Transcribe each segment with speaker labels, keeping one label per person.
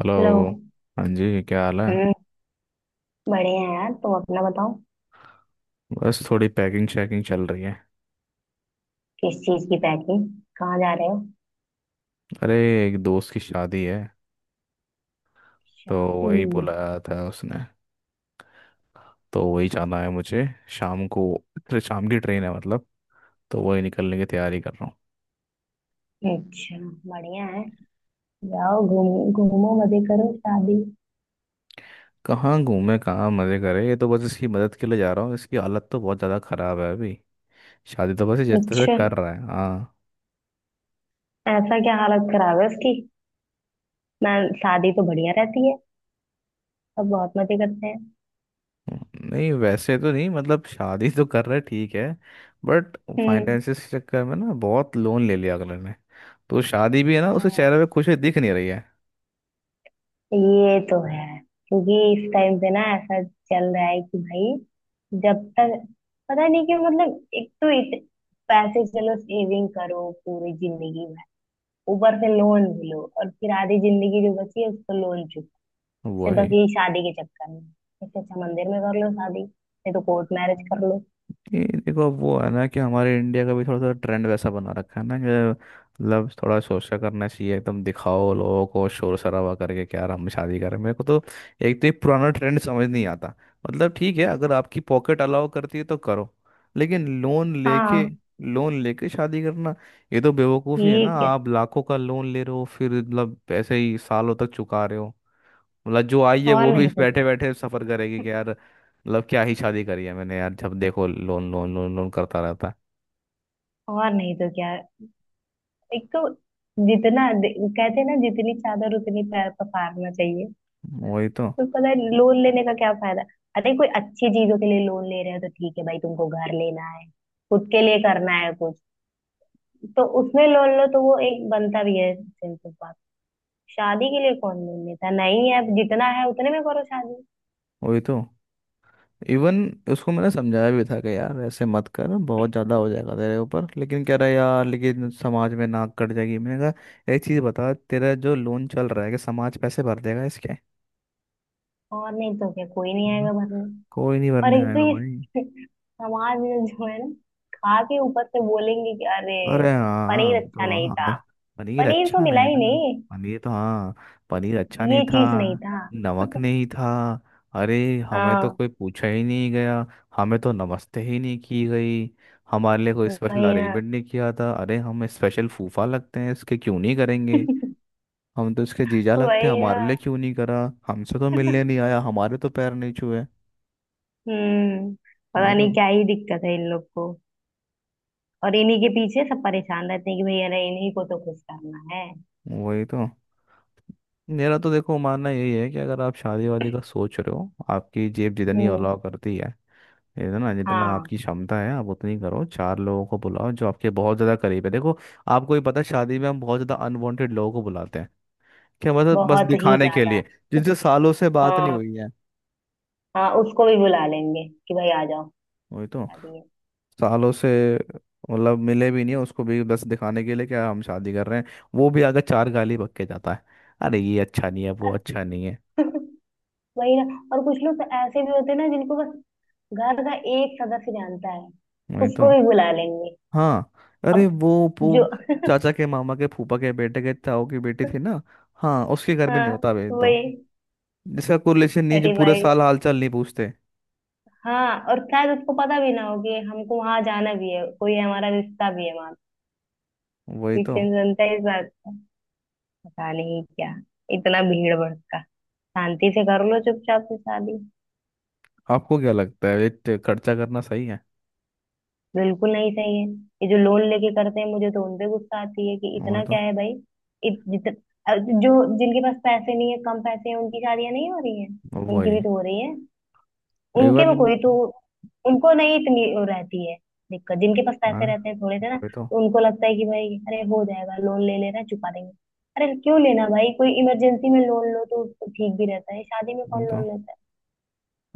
Speaker 1: Hello.
Speaker 2: Hello.
Speaker 1: हाँ जी, क्या हाल है?
Speaker 2: हम्म। बढ़िया है यार, तुम अपना बताओ।
Speaker 1: बस थोड़ी पैकिंग शैकिंग चल रही है।
Speaker 2: किस चीज की पैकिंग? कहाँ जा रहे हो?
Speaker 1: अरे, एक दोस्त की शादी है, तो
Speaker 2: शादी?
Speaker 1: वही बुलाया था उसने, तो वही जाना है मुझे शाम को। फिर शाम की ट्रेन है मतलब, तो वही निकलने की तैयारी कर रहा हूँ।
Speaker 2: अच्छा, बढ़िया है। जाओ घूम घूमो, मजे करो शादी।
Speaker 1: कहाँ घूमे, कहाँ मज़े करे, ये तो बस इसकी मदद के लिए जा रहा हूँ। इसकी हालत तो बहुत ज़्यादा ख़राब है अभी। शादी तो बस ये जैसे तैसे
Speaker 2: अच्छा,
Speaker 1: कर रहा है, हाँ।
Speaker 2: ऐसा क्या हालत खराब है उसकी? मैं, शादी तो बढ़िया रहती है। सब बहुत मजे करते हैं।
Speaker 1: नहीं, वैसे तो नहीं, मतलब शादी तो कर रहे, ठीक है, बट
Speaker 2: हम्म।
Speaker 1: फाइनेंसिस के चक्कर में ना बहुत लोन ले लिया अगले ने। तो शादी भी है ना, उसके
Speaker 2: हाँ,
Speaker 1: चेहरे पे खुशी दिख नहीं रही है।
Speaker 2: ये तो है। क्योंकि इस टाइम पे ना ऐसा चल रहा है कि भाई जब तक, पता नहीं क्यों, मतलब एक तो इत, पैसे चलो सेविंग करो पूरी जिंदगी, ऊपर से लोन भी लो और फिर आधी जिंदगी जो बची है उसको लोन चुक से
Speaker 1: वही।
Speaker 2: बस यही शादी के चक्कर में। इससे अच्छा मंदिर में कर लो शादी, नहीं तो कोर्ट मैरिज कर लो।
Speaker 1: ये देखो, वो है ना कि हमारे इंडिया का भी थोड़ा सा ट्रेंड वैसा बना रखा है ना कि लव थोड़ा सोचा करना चाहिए, एकदम दिखाओ लोगों को, शोर शराबा करके क्या हम शादी करें। मेरे को तो एक तो ये पुराना ट्रेंड समझ नहीं आता। मतलब ठीक है, अगर आपकी पॉकेट अलाउ करती है तो करो, लेकिन लोन लेके,
Speaker 2: हाँ।
Speaker 1: लोन लेके शादी करना, ये तो बेवकूफ़ी है
Speaker 2: ये
Speaker 1: ना।
Speaker 2: क्या।
Speaker 1: आप लाखों का लोन ले रहे हो, फिर मतलब ऐसे ही सालों तक चुका रहे हो। मतलब जो आई है
Speaker 2: और
Speaker 1: वो भी
Speaker 2: नहीं तो क्या।
Speaker 1: बैठे बैठे सफर करेगी कि यार मतलब क्या ही शादी करी है मैंने, यार जब देखो लोन लोन लोन लोन करता रहता है।
Speaker 2: और नहीं तो क्या। एक तो जितना कहते हैं ना जितनी चादर उतनी पैर पसारना चाहिए।
Speaker 1: वही तो।
Speaker 2: तो पता है लोन लेने का क्या फायदा। अरे कोई अच्छी चीजों के लिए लोन ले रहे हो तो ठीक है भाई, तुमको घर लेना है, खुद के लिए करना है कुछ, तो उसमें लोन लो तो वो एक बनता भी है सेंस ऑफ। शादी के लिए कौन लोन लेता है? नहीं है जितना है उतने में करो शादी।
Speaker 1: वही तो। इवन उसको मैंने समझाया भी था कि यार ऐसे मत कर, बहुत ज़्यादा हो जाएगा तेरे ऊपर। लेकिन कह रहा है, यार लेकिन समाज में नाक कट जाएगी। मैंने कहा, एक चीज़ बता, तेरा जो लोन चल रहा है कि समाज पैसे भर देगा इसके?
Speaker 2: और नहीं तो क्या, कोई नहीं
Speaker 1: हम्म।
Speaker 2: आएगा भरने।
Speaker 1: कोई नहीं
Speaker 2: और
Speaker 1: भरने
Speaker 2: एक तो
Speaker 1: आएगा भाई।
Speaker 2: ये समाज में जो है ना, खा के ऊपर से बोलेंगे कि अरे
Speaker 1: अरे हाँ,
Speaker 2: पनीर
Speaker 1: वो
Speaker 2: अच्छा
Speaker 1: तो
Speaker 2: नहीं
Speaker 1: हाँ था।
Speaker 2: था।
Speaker 1: पनीर
Speaker 2: पनीर तो
Speaker 1: अच्छा
Speaker 2: मिला
Speaker 1: नहीं
Speaker 2: ही
Speaker 1: था।
Speaker 2: नहीं।
Speaker 1: पनीर तो हाँ, पनीर अच्छा नहीं
Speaker 2: ये
Speaker 1: था।
Speaker 2: चीज नहीं था।
Speaker 1: नमक नहीं था। अरे हमें तो
Speaker 2: हाँ।
Speaker 1: कोई पूछा ही नहीं गया। हमें तो नमस्ते ही नहीं की गई। हमारे लिए कोई स्पेशल
Speaker 2: वही ना।
Speaker 1: अरेंजमेंट नहीं किया था। अरे हम स्पेशल फूफा लगते हैं इसके, क्यों नहीं करेंगे? हम तो इसके जीजा लगते हैं,
Speaker 2: वही
Speaker 1: हमारे लिए
Speaker 2: ना।
Speaker 1: क्यों नहीं करा? हमसे तो मिलने नहीं आया, हमारे तो पैर नहीं छुए।
Speaker 2: हम्म। पता
Speaker 1: वही
Speaker 2: नहीं
Speaker 1: तो।
Speaker 2: क्या ही दिक्कत है इन लोग को। और इन्हीं के पीछे सब परेशान रहते हैं कि भैया अरे इन्हीं को तो खुश करना है।
Speaker 1: वही तो। मेरा तो देखो मानना यही है कि अगर आप शादी वादी का सोच रहे हो, आपकी जेब जितनी
Speaker 2: हम्म।
Speaker 1: अलाउ करती है ना, जितना
Speaker 2: हाँ।
Speaker 1: आपकी क्षमता है, आप उतनी करो। चार लोगों को बुलाओ जो आपके बहुत ज़्यादा करीब है, देखो। आपको ही पता है, शादी में हम बहुत ज़्यादा अनवांटेड लोगों को बुलाते हैं। क्या मतलब, बस
Speaker 2: बहुत ही
Speaker 1: दिखाने के
Speaker 2: ज्यादा।
Speaker 1: लिए, जिनसे सालों से बात नहीं
Speaker 2: हाँ।
Speaker 1: हुई है।
Speaker 2: हाँ उसको भी बुला लेंगे कि भाई आ जाओ,
Speaker 1: वही तो।
Speaker 2: शादी है।
Speaker 1: सालों से मतलब मिले भी नहीं है, उसको भी बस दिखाने के लिए क्या हम शादी कर रहे हैं? वो भी अगर चार गाली बक के जाता है, अरे ये अच्छा नहीं है, वो अच्छा नहीं है।
Speaker 2: वही ना। और कुछ लोग तो ऐसे भी होते हैं ना जिनको बस घर का एक सदस्य जानता है,
Speaker 1: वही
Speaker 2: उसको
Speaker 1: तो।
Speaker 2: भी बुला लेंगे।
Speaker 1: हाँ, अरे
Speaker 2: अब
Speaker 1: वो
Speaker 2: जो,
Speaker 1: चाचा के मामा के फूफा के बेटे के ताऊ की बेटी थी ना, हाँ उसके घर में नहीं
Speaker 2: हाँ
Speaker 1: होता, भेज दो।
Speaker 2: वही।
Speaker 1: जिसका कोरिलेशन नहीं है, जो
Speaker 2: अरे
Speaker 1: पूरे
Speaker 2: भाई,
Speaker 1: साल हालचाल नहीं पूछते।
Speaker 2: हाँ और शायद उसको पता भी ना हो कि हमको वहां जाना भी है, कोई हमारा रिश्ता भी है वहां।
Speaker 1: वही तो।
Speaker 2: क्रिश्चियन बनता है इस बात का, पता नहीं क्या। इतना भीड़ भड़का, शांति से कर लो चुपचाप से शादी।
Speaker 1: आपको क्या लगता है ये खर्चा करना सही है?
Speaker 2: बिल्कुल नहीं सही है ये जो लोन लेके करते हैं, मुझे तो उनपे गुस्सा आती है कि
Speaker 1: वही
Speaker 2: इतना
Speaker 1: तो।
Speaker 2: क्या है भाई। इत, जित, जो जिनके पास पैसे नहीं है कम पैसे हैं उनकी शादियां नहीं हो रही हैं? उनकी
Speaker 1: वही।
Speaker 2: भी तो हो रही है। उनके
Speaker 1: इवन
Speaker 2: में कोई तो, उनको नहीं इतनी वो रहती है दिक्कत। जिनके पास
Speaker 1: अरे
Speaker 2: पैसे रहते हैं थोड़े से ना
Speaker 1: वही तो।
Speaker 2: तो उनको लगता है कि भाई अरे हो जाएगा, लोन ले लेना चुका देंगे। अरे क्यों लेना भाई, कोई इमरजेंसी में लोन लो तो ठीक भी रहता है, शादी में
Speaker 1: वही
Speaker 2: कौन
Speaker 1: तो।
Speaker 2: लोन लेता है।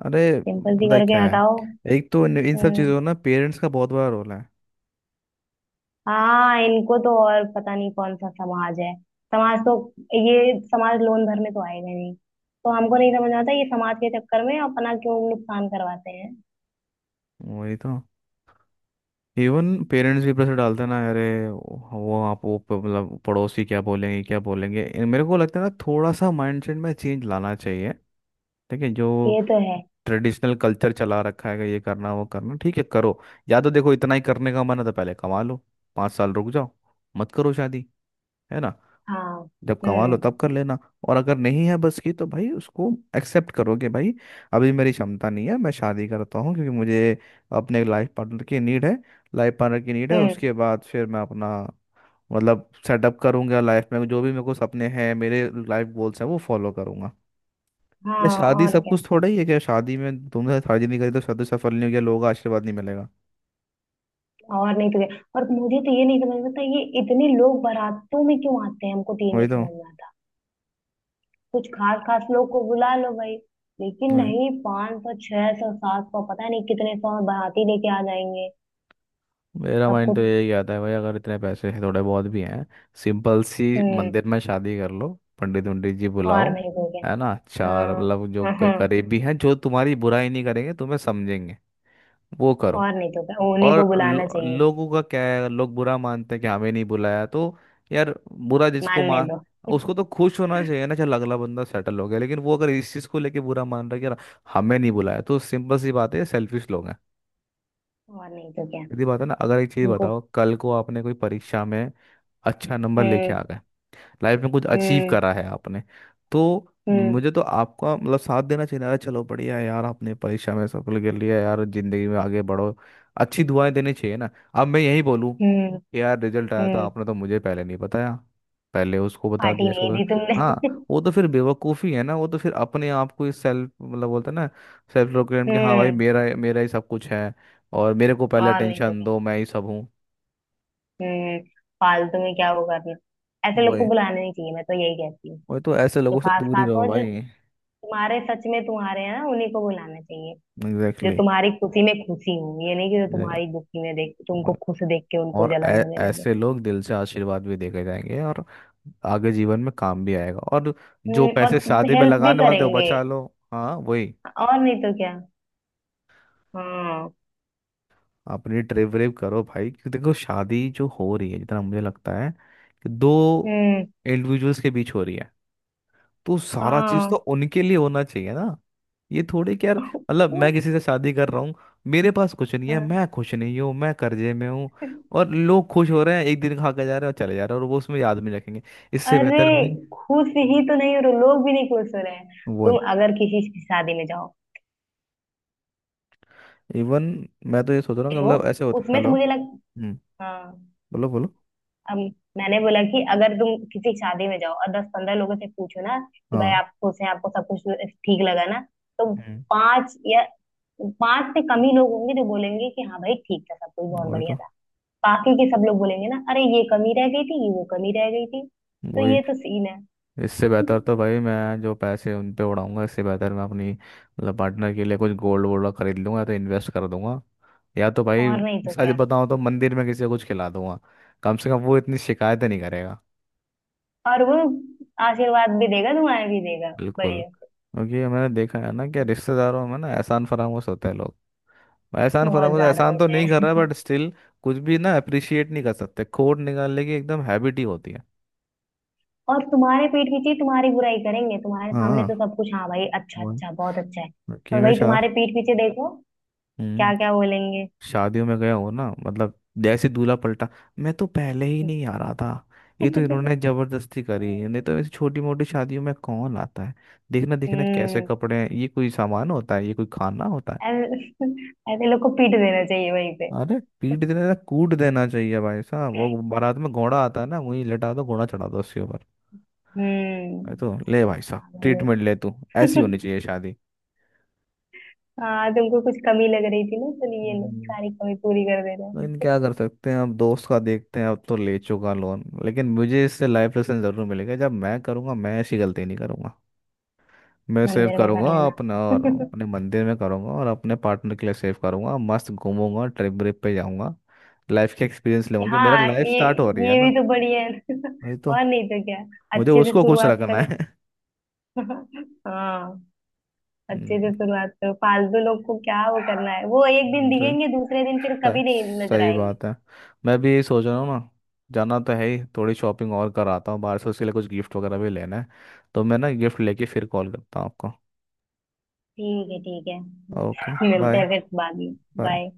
Speaker 1: अरे
Speaker 2: सिंपल सी
Speaker 1: पता है
Speaker 2: करके
Speaker 1: क्या है,
Speaker 2: हटाओ।
Speaker 1: एक तो इन इन सब
Speaker 2: हम्म।
Speaker 1: चीज़ों में ना पेरेंट्स का बहुत बड़ा रोल है।
Speaker 2: हाँ इनको तो और पता नहीं कौन सा समाज है। समाज तो, ये समाज लोन भरने तो आएगा ही नहीं, तो हमको नहीं समझ आता ये समाज के चक्कर में अपना क्यों नुकसान करवाते हैं।
Speaker 1: वही तो। इवन पेरेंट्स भी प्रेशर डालते हैं ना। अरे वो आप वो प- मतलब पड़ोसी क्या बोलेंगे, क्या बोलेंगे, मेरे को लगता है ना थोड़ा सा माइंडसेट में चेंज लाना चाहिए। ठीक है, जो
Speaker 2: ये तो है।
Speaker 1: ट्रेडिशनल कल्चर चला रखा है कि ये करना, वो करना, ठीक है करो। या तो देखो इतना ही करने का मन है तो पहले कमा लो, पाँच साल रुक जाओ, मत करो शादी, है ना।
Speaker 2: हाँ।
Speaker 1: जब कमा लो
Speaker 2: हम्म।
Speaker 1: तब कर लेना। और अगर नहीं है बस की तो भाई उसको एक्सेप्ट करो कि भाई अभी मेरी क्षमता नहीं है। मैं शादी करता हूँ क्योंकि मुझे अपने लाइफ पार्टनर की नीड है। लाइफ पार्टनर की नीड है,
Speaker 2: हम्म।
Speaker 1: उसके बाद फिर मैं अपना मतलब सेटअप करूंगा लाइफ में। जो भी मेरे को सपने हैं, मेरे लाइफ गोल्स हैं, वो फॉलो करूंगा। क्या
Speaker 2: हाँ
Speaker 1: शादी
Speaker 2: और
Speaker 1: सब
Speaker 2: क्या।
Speaker 1: कुछ थोड़ा ही है? क्या शादी में, तुमने शादी नहीं करी तो शादी सफल नहीं होगी, लोगों का आशीर्वाद नहीं मिलेगा?
Speaker 2: और नहीं तो क्या, और मुझे तो ये नहीं समझ में आता ये इतने लोग बारातों में क्यों आते हैं, हमको तो ये
Speaker 1: वही
Speaker 2: नहीं समझ में आता। कुछ खास खास लोग को बुला लो भाई, लेकिन
Speaker 1: तो।
Speaker 2: नहीं पाँच सौ छह सौ सात सौ पता नहीं कितने सौ बाराती लेके आ जाएंगे।
Speaker 1: मेरा
Speaker 2: सब
Speaker 1: माइंड तो
Speaker 2: कुछ,
Speaker 1: यही आता है भाई, अगर इतने पैसे हैं, थोड़े बहुत भी हैं, सिंपल सी
Speaker 2: हम्म।
Speaker 1: मंदिर में शादी कर लो। पंडित पंडित जी
Speaker 2: और
Speaker 1: बुलाओ,
Speaker 2: नहीं तो
Speaker 1: है
Speaker 2: क्या।
Speaker 1: ना। चार मतलब जो
Speaker 2: हाँ, हाँ,
Speaker 1: करीबी हैं, जो तुम्हारी बुराई नहीं करेंगे, तुम्हें समझेंगे, वो करो।
Speaker 2: और नहीं तो क्या, उन्हीं को
Speaker 1: और
Speaker 2: बुलाना
Speaker 1: लो,
Speaker 2: चाहिए।
Speaker 1: लोगों का क्या है, लोग बुरा मानते हैं कि हमें नहीं बुलाया तो। यार, बुरा जिसको
Speaker 2: मानने
Speaker 1: मान,
Speaker 2: दो।
Speaker 1: उसको तो खुश होना चाहिए ना, चल अगला बंदा सेटल हो गया। लेकिन वो अगर इस चीज़ को लेके बुरा मान रहा है कि यार हमें नहीं बुलाया, तो सिंपल सी बात है, सेल्फिश लोग हैं।
Speaker 2: और नहीं तो क्या।
Speaker 1: सीधी बात है ना, अगर एक चीज़
Speaker 2: उनको,
Speaker 1: बताओ, कल को आपने कोई परीक्षा में अच्छा नंबर लेके
Speaker 2: हम्म।
Speaker 1: आ गए, लाइफ में कुछ अचीव
Speaker 2: हम्म।
Speaker 1: करा है आपने, तो
Speaker 2: हम्म।
Speaker 1: मुझे तो आपका मतलब साथ देना चाहिए ना। अरे चलो बढ़िया है यार, आपने परीक्षा में सफल कर लिया, यार जिंदगी में आगे बढ़ो, अच्छी दुआएं देनी चाहिए ना। अब मैं यही बोलूं
Speaker 2: हम्म।
Speaker 1: कि यार रिजल्ट आया था,
Speaker 2: हम्म।
Speaker 1: आपने तो मुझे पहले नहीं बताया, पहले उसको बता
Speaker 2: पार्टी
Speaker 1: दिया, इसको
Speaker 2: नहीं दी
Speaker 1: बता।
Speaker 2: तुमने।
Speaker 1: हाँ, वो तो फिर बेवकूफ़ी है ना। वो तो फिर अपने आप को इस सेल्फ मतलब बोलते हैं ना, सेल्फ प्रोक्लेम, कि हाँ भाई
Speaker 2: हम्म।
Speaker 1: मेरा मेरा ही सब कुछ है और मेरे को पहले
Speaker 2: और नहीं तो
Speaker 1: अटेंशन
Speaker 2: क्या।
Speaker 1: दो, मैं ही सब हूँ।
Speaker 2: हम्म। फालतू में क्या वो करना। ऐसे
Speaker 1: वो
Speaker 2: लोग को
Speaker 1: है,
Speaker 2: बुलाना नहीं चाहिए, मैं तो यही कहती हूँ।
Speaker 1: वो तो ऐसे
Speaker 2: तो
Speaker 1: लोगों से
Speaker 2: खास
Speaker 1: दूर ही
Speaker 2: खास
Speaker 1: रहो
Speaker 2: और जो
Speaker 1: भाई।
Speaker 2: तुम्हारे सच में तुम्हारे हैं ना उन्हीं को बुलाना चाहिए। जो
Speaker 1: एग्जैक्टली।
Speaker 2: तुम्हारी खुशी में खुशी हो, ये नहीं कि जो तुम्हारी दुखी में देख, तुमको
Speaker 1: और
Speaker 2: खुश देख के उनको जलन होने लगे।
Speaker 1: ऐसे लोग दिल से आशीर्वाद भी देके जाएंगे और आगे जीवन में काम भी आएगा और जो
Speaker 2: और
Speaker 1: पैसे शादी में
Speaker 2: हेल्प भी
Speaker 1: लगाने वाले थे वो
Speaker 2: करेंगे।
Speaker 1: बचा लो। हाँ वही।
Speaker 2: और नहीं तो क्या। हाँ।
Speaker 1: अपनी ट्रिप व्रिप करो भाई, क्योंकि देखो शादी जो हो रही है, जितना मुझे लगता है कि दो
Speaker 2: हम्म।
Speaker 1: इंडिविजुअल्स के बीच हो रही है, तो सारा चीज तो
Speaker 2: हाँ।
Speaker 1: उनके लिए होना चाहिए ना। ये थोड़े कि यार मतलब मैं किसी से शादी कर रहा हूँ, मेरे पास कुछ नहीं है,
Speaker 2: हाँ।
Speaker 1: मैं खुश नहीं हूँ, मैं कर्जे में हूँ, और लोग खुश हो रहे हैं, एक दिन खा के जा रहे हैं और चले जा रहे हैं, और वो उसमें याद नहीं रखेंगे। इससे
Speaker 2: अरे
Speaker 1: बेहतर भी
Speaker 2: खुश ही तो नहीं हो रहे, लोग भी नहीं खुश हो रहे हैं।
Speaker 1: वो
Speaker 2: तुम अगर किसी की शादी में जाओ,
Speaker 1: इवन मैं तो ये सोच रहा हूँ कि
Speaker 2: देखो
Speaker 1: मतलब ऐसे होता।
Speaker 2: उसमें तो
Speaker 1: हेलो?
Speaker 2: मुझे लग,
Speaker 1: हम्म।
Speaker 2: हाँ।
Speaker 1: बोलो बोलो।
Speaker 2: अब मैंने बोला कि अगर तुम किसी की शादी में जाओ और दस पंद्रह लोगों से पूछो ना कि भाई
Speaker 1: हाँ।
Speaker 2: आप खुश हैं, आपको सब कुछ ठीक लगा ना, तो
Speaker 1: हम्म।
Speaker 2: पांच या पांच से कम ही लोग होंगे जो बोलेंगे कि हाँ भाई ठीक था, सब कुछ बहुत
Speaker 1: वही
Speaker 2: बढ़िया
Speaker 1: तो।
Speaker 2: था। बाकी के सब लोग बोलेंगे ना अरे ये कमी रह गई थी वो कमी रह गई थी, तो
Speaker 1: वही।
Speaker 2: ये तो सीन है।
Speaker 1: इससे बेहतर तो भाई मैं जो पैसे उन पे उड़ाऊंगा, इससे बेहतर मैं अपनी मतलब पार्टनर के लिए कुछ गोल्ड वोल्ड खरीद लूंगा, तो इन्वेस्ट कर दूंगा, या तो भाई
Speaker 2: और नहीं तो
Speaker 1: सच
Speaker 2: क्या।
Speaker 1: बताऊं तो मंदिर में किसी को कुछ खिला दूंगा, कम से कम वो इतनी शिकायतें नहीं करेगा।
Speaker 2: और वो आशीर्वाद भी देगा, दुआएं भी देगा।
Speaker 1: बिल्कुल,
Speaker 2: बढ़िया से।
Speaker 1: क्योंकि मैंने देखा है ना कि रिश्तेदारों में ना एहसान फरामोश होते हैं लोग। एहसान
Speaker 2: बहुत
Speaker 1: फरामोश,
Speaker 2: ज्यादा
Speaker 1: एहसान तो
Speaker 2: होते
Speaker 1: नहीं कर
Speaker 2: हैं।
Speaker 1: रहा, बट स्टिल कुछ भी ना अप्रिशिएट नहीं कर सकते, खोट निकालने की एकदम हैबिट ही होती है।
Speaker 2: और तुम्हारे पेट पीछे तुम्हारी बुराई करेंगे, तुम्हारे सामने तो
Speaker 1: हाँ
Speaker 2: सब कुछ हाँ भाई अच्छा
Speaker 1: वही।
Speaker 2: अच्छा बहुत अच्छा है। और
Speaker 1: हकीम
Speaker 2: भाई
Speaker 1: शाह।
Speaker 2: तुम्हारे पीठ पीछे देखो क्या
Speaker 1: हम्म।
Speaker 2: क्या बोलेंगे।
Speaker 1: शादियों में गया हो ना, मतलब जैसे दूल्हा पलटा, मैं तो पहले ही नहीं आ रहा था, ये तो इन्होंने जबरदस्ती करी, नहीं तो ऐसी छोटी मोटी शादियों में कौन आता है। देखना देखना कैसे
Speaker 2: हम्म।
Speaker 1: कपड़े हैं, ये कोई सामान होता है, ये कोई खाना होता है।
Speaker 2: ऐसे, ऐसे लोग को पीट देना चाहिए वहीं पे।
Speaker 1: अरे पीट देना था, कूट देना चाहिए भाई साहब, वो बारात में घोड़ा आता है ना, वहीं लटा दो, घोड़ा चढ़ा दो उसके ऊपर।
Speaker 2: हम्म।
Speaker 1: भाई तो ले भाई साहब
Speaker 2: पागल लोग।
Speaker 1: ट्रीटमेंट ले तू। ऐसी होनी चाहिए शादी।
Speaker 2: हाँ तुमको कुछ कमी लग रही थी ना, तो ये लो सारी कमी पूरी कर दे रहे
Speaker 1: लेकिन
Speaker 2: हैं।
Speaker 1: क्या कर सकते हैं, अब दोस्त का देखते हैं, अब तो ले चुका लोन, लेकिन मुझे इससे लाइफ लेसन जरूर मिलेगा। जब मैं करूँगा, मैं ऐसी गलती नहीं करूँगा। मैं सेव
Speaker 2: मंदिर में कर
Speaker 1: करूँगा
Speaker 2: लेना।
Speaker 1: अपना, और अपने मंदिर में करूँगा, और अपने पार्टनर के लिए सेव करूँगा, मस्त घूमूंगा, ट्रिप व्रिप पे जाऊँगा, लाइफ के एक्सपीरियंस लूंगा, कि मेरा
Speaker 2: हाँ
Speaker 1: लाइफ
Speaker 2: ये
Speaker 1: स्टार्ट हो रही है
Speaker 2: ये भी
Speaker 1: ना।
Speaker 2: तो बढ़िया है ना।
Speaker 1: वही तो,
Speaker 2: और नहीं तो क्या।
Speaker 1: मुझे
Speaker 2: अच्छे से
Speaker 1: उसको खुश
Speaker 2: शुरुआत
Speaker 1: रखना
Speaker 2: करो।
Speaker 1: है।
Speaker 2: हाँ। अच्छे से
Speaker 1: हम्म।
Speaker 2: शुरुआत करो, फालतू लोग को क्या वो करना है, वो एक दिन
Speaker 1: तो
Speaker 2: दिखेंगे दूसरे दिन फिर
Speaker 1: सही
Speaker 2: कभी नहीं नजर
Speaker 1: सही
Speaker 2: आएंगे।
Speaker 1: बात है, मैं भी यही सोच रहा हूँ ना, जाना तो है ही, थोड़ी शॉपिंग और कराता हूँ बाहर से, उसके लिए कुछ गिफ्ट वगैरह भी लेना है, तो मैं ना गिफ्ट लेके फिर कॉल करता हूँ आपको।
Speaker 2: ठीक है ठीक है,
Speaker 1: ओके।
Speaker 2: मिलते
Speaker 1: बाय।
Speaker 2: हैं फिर बाद में।
Speaker 1: बाय।
Speaker 2: बाय।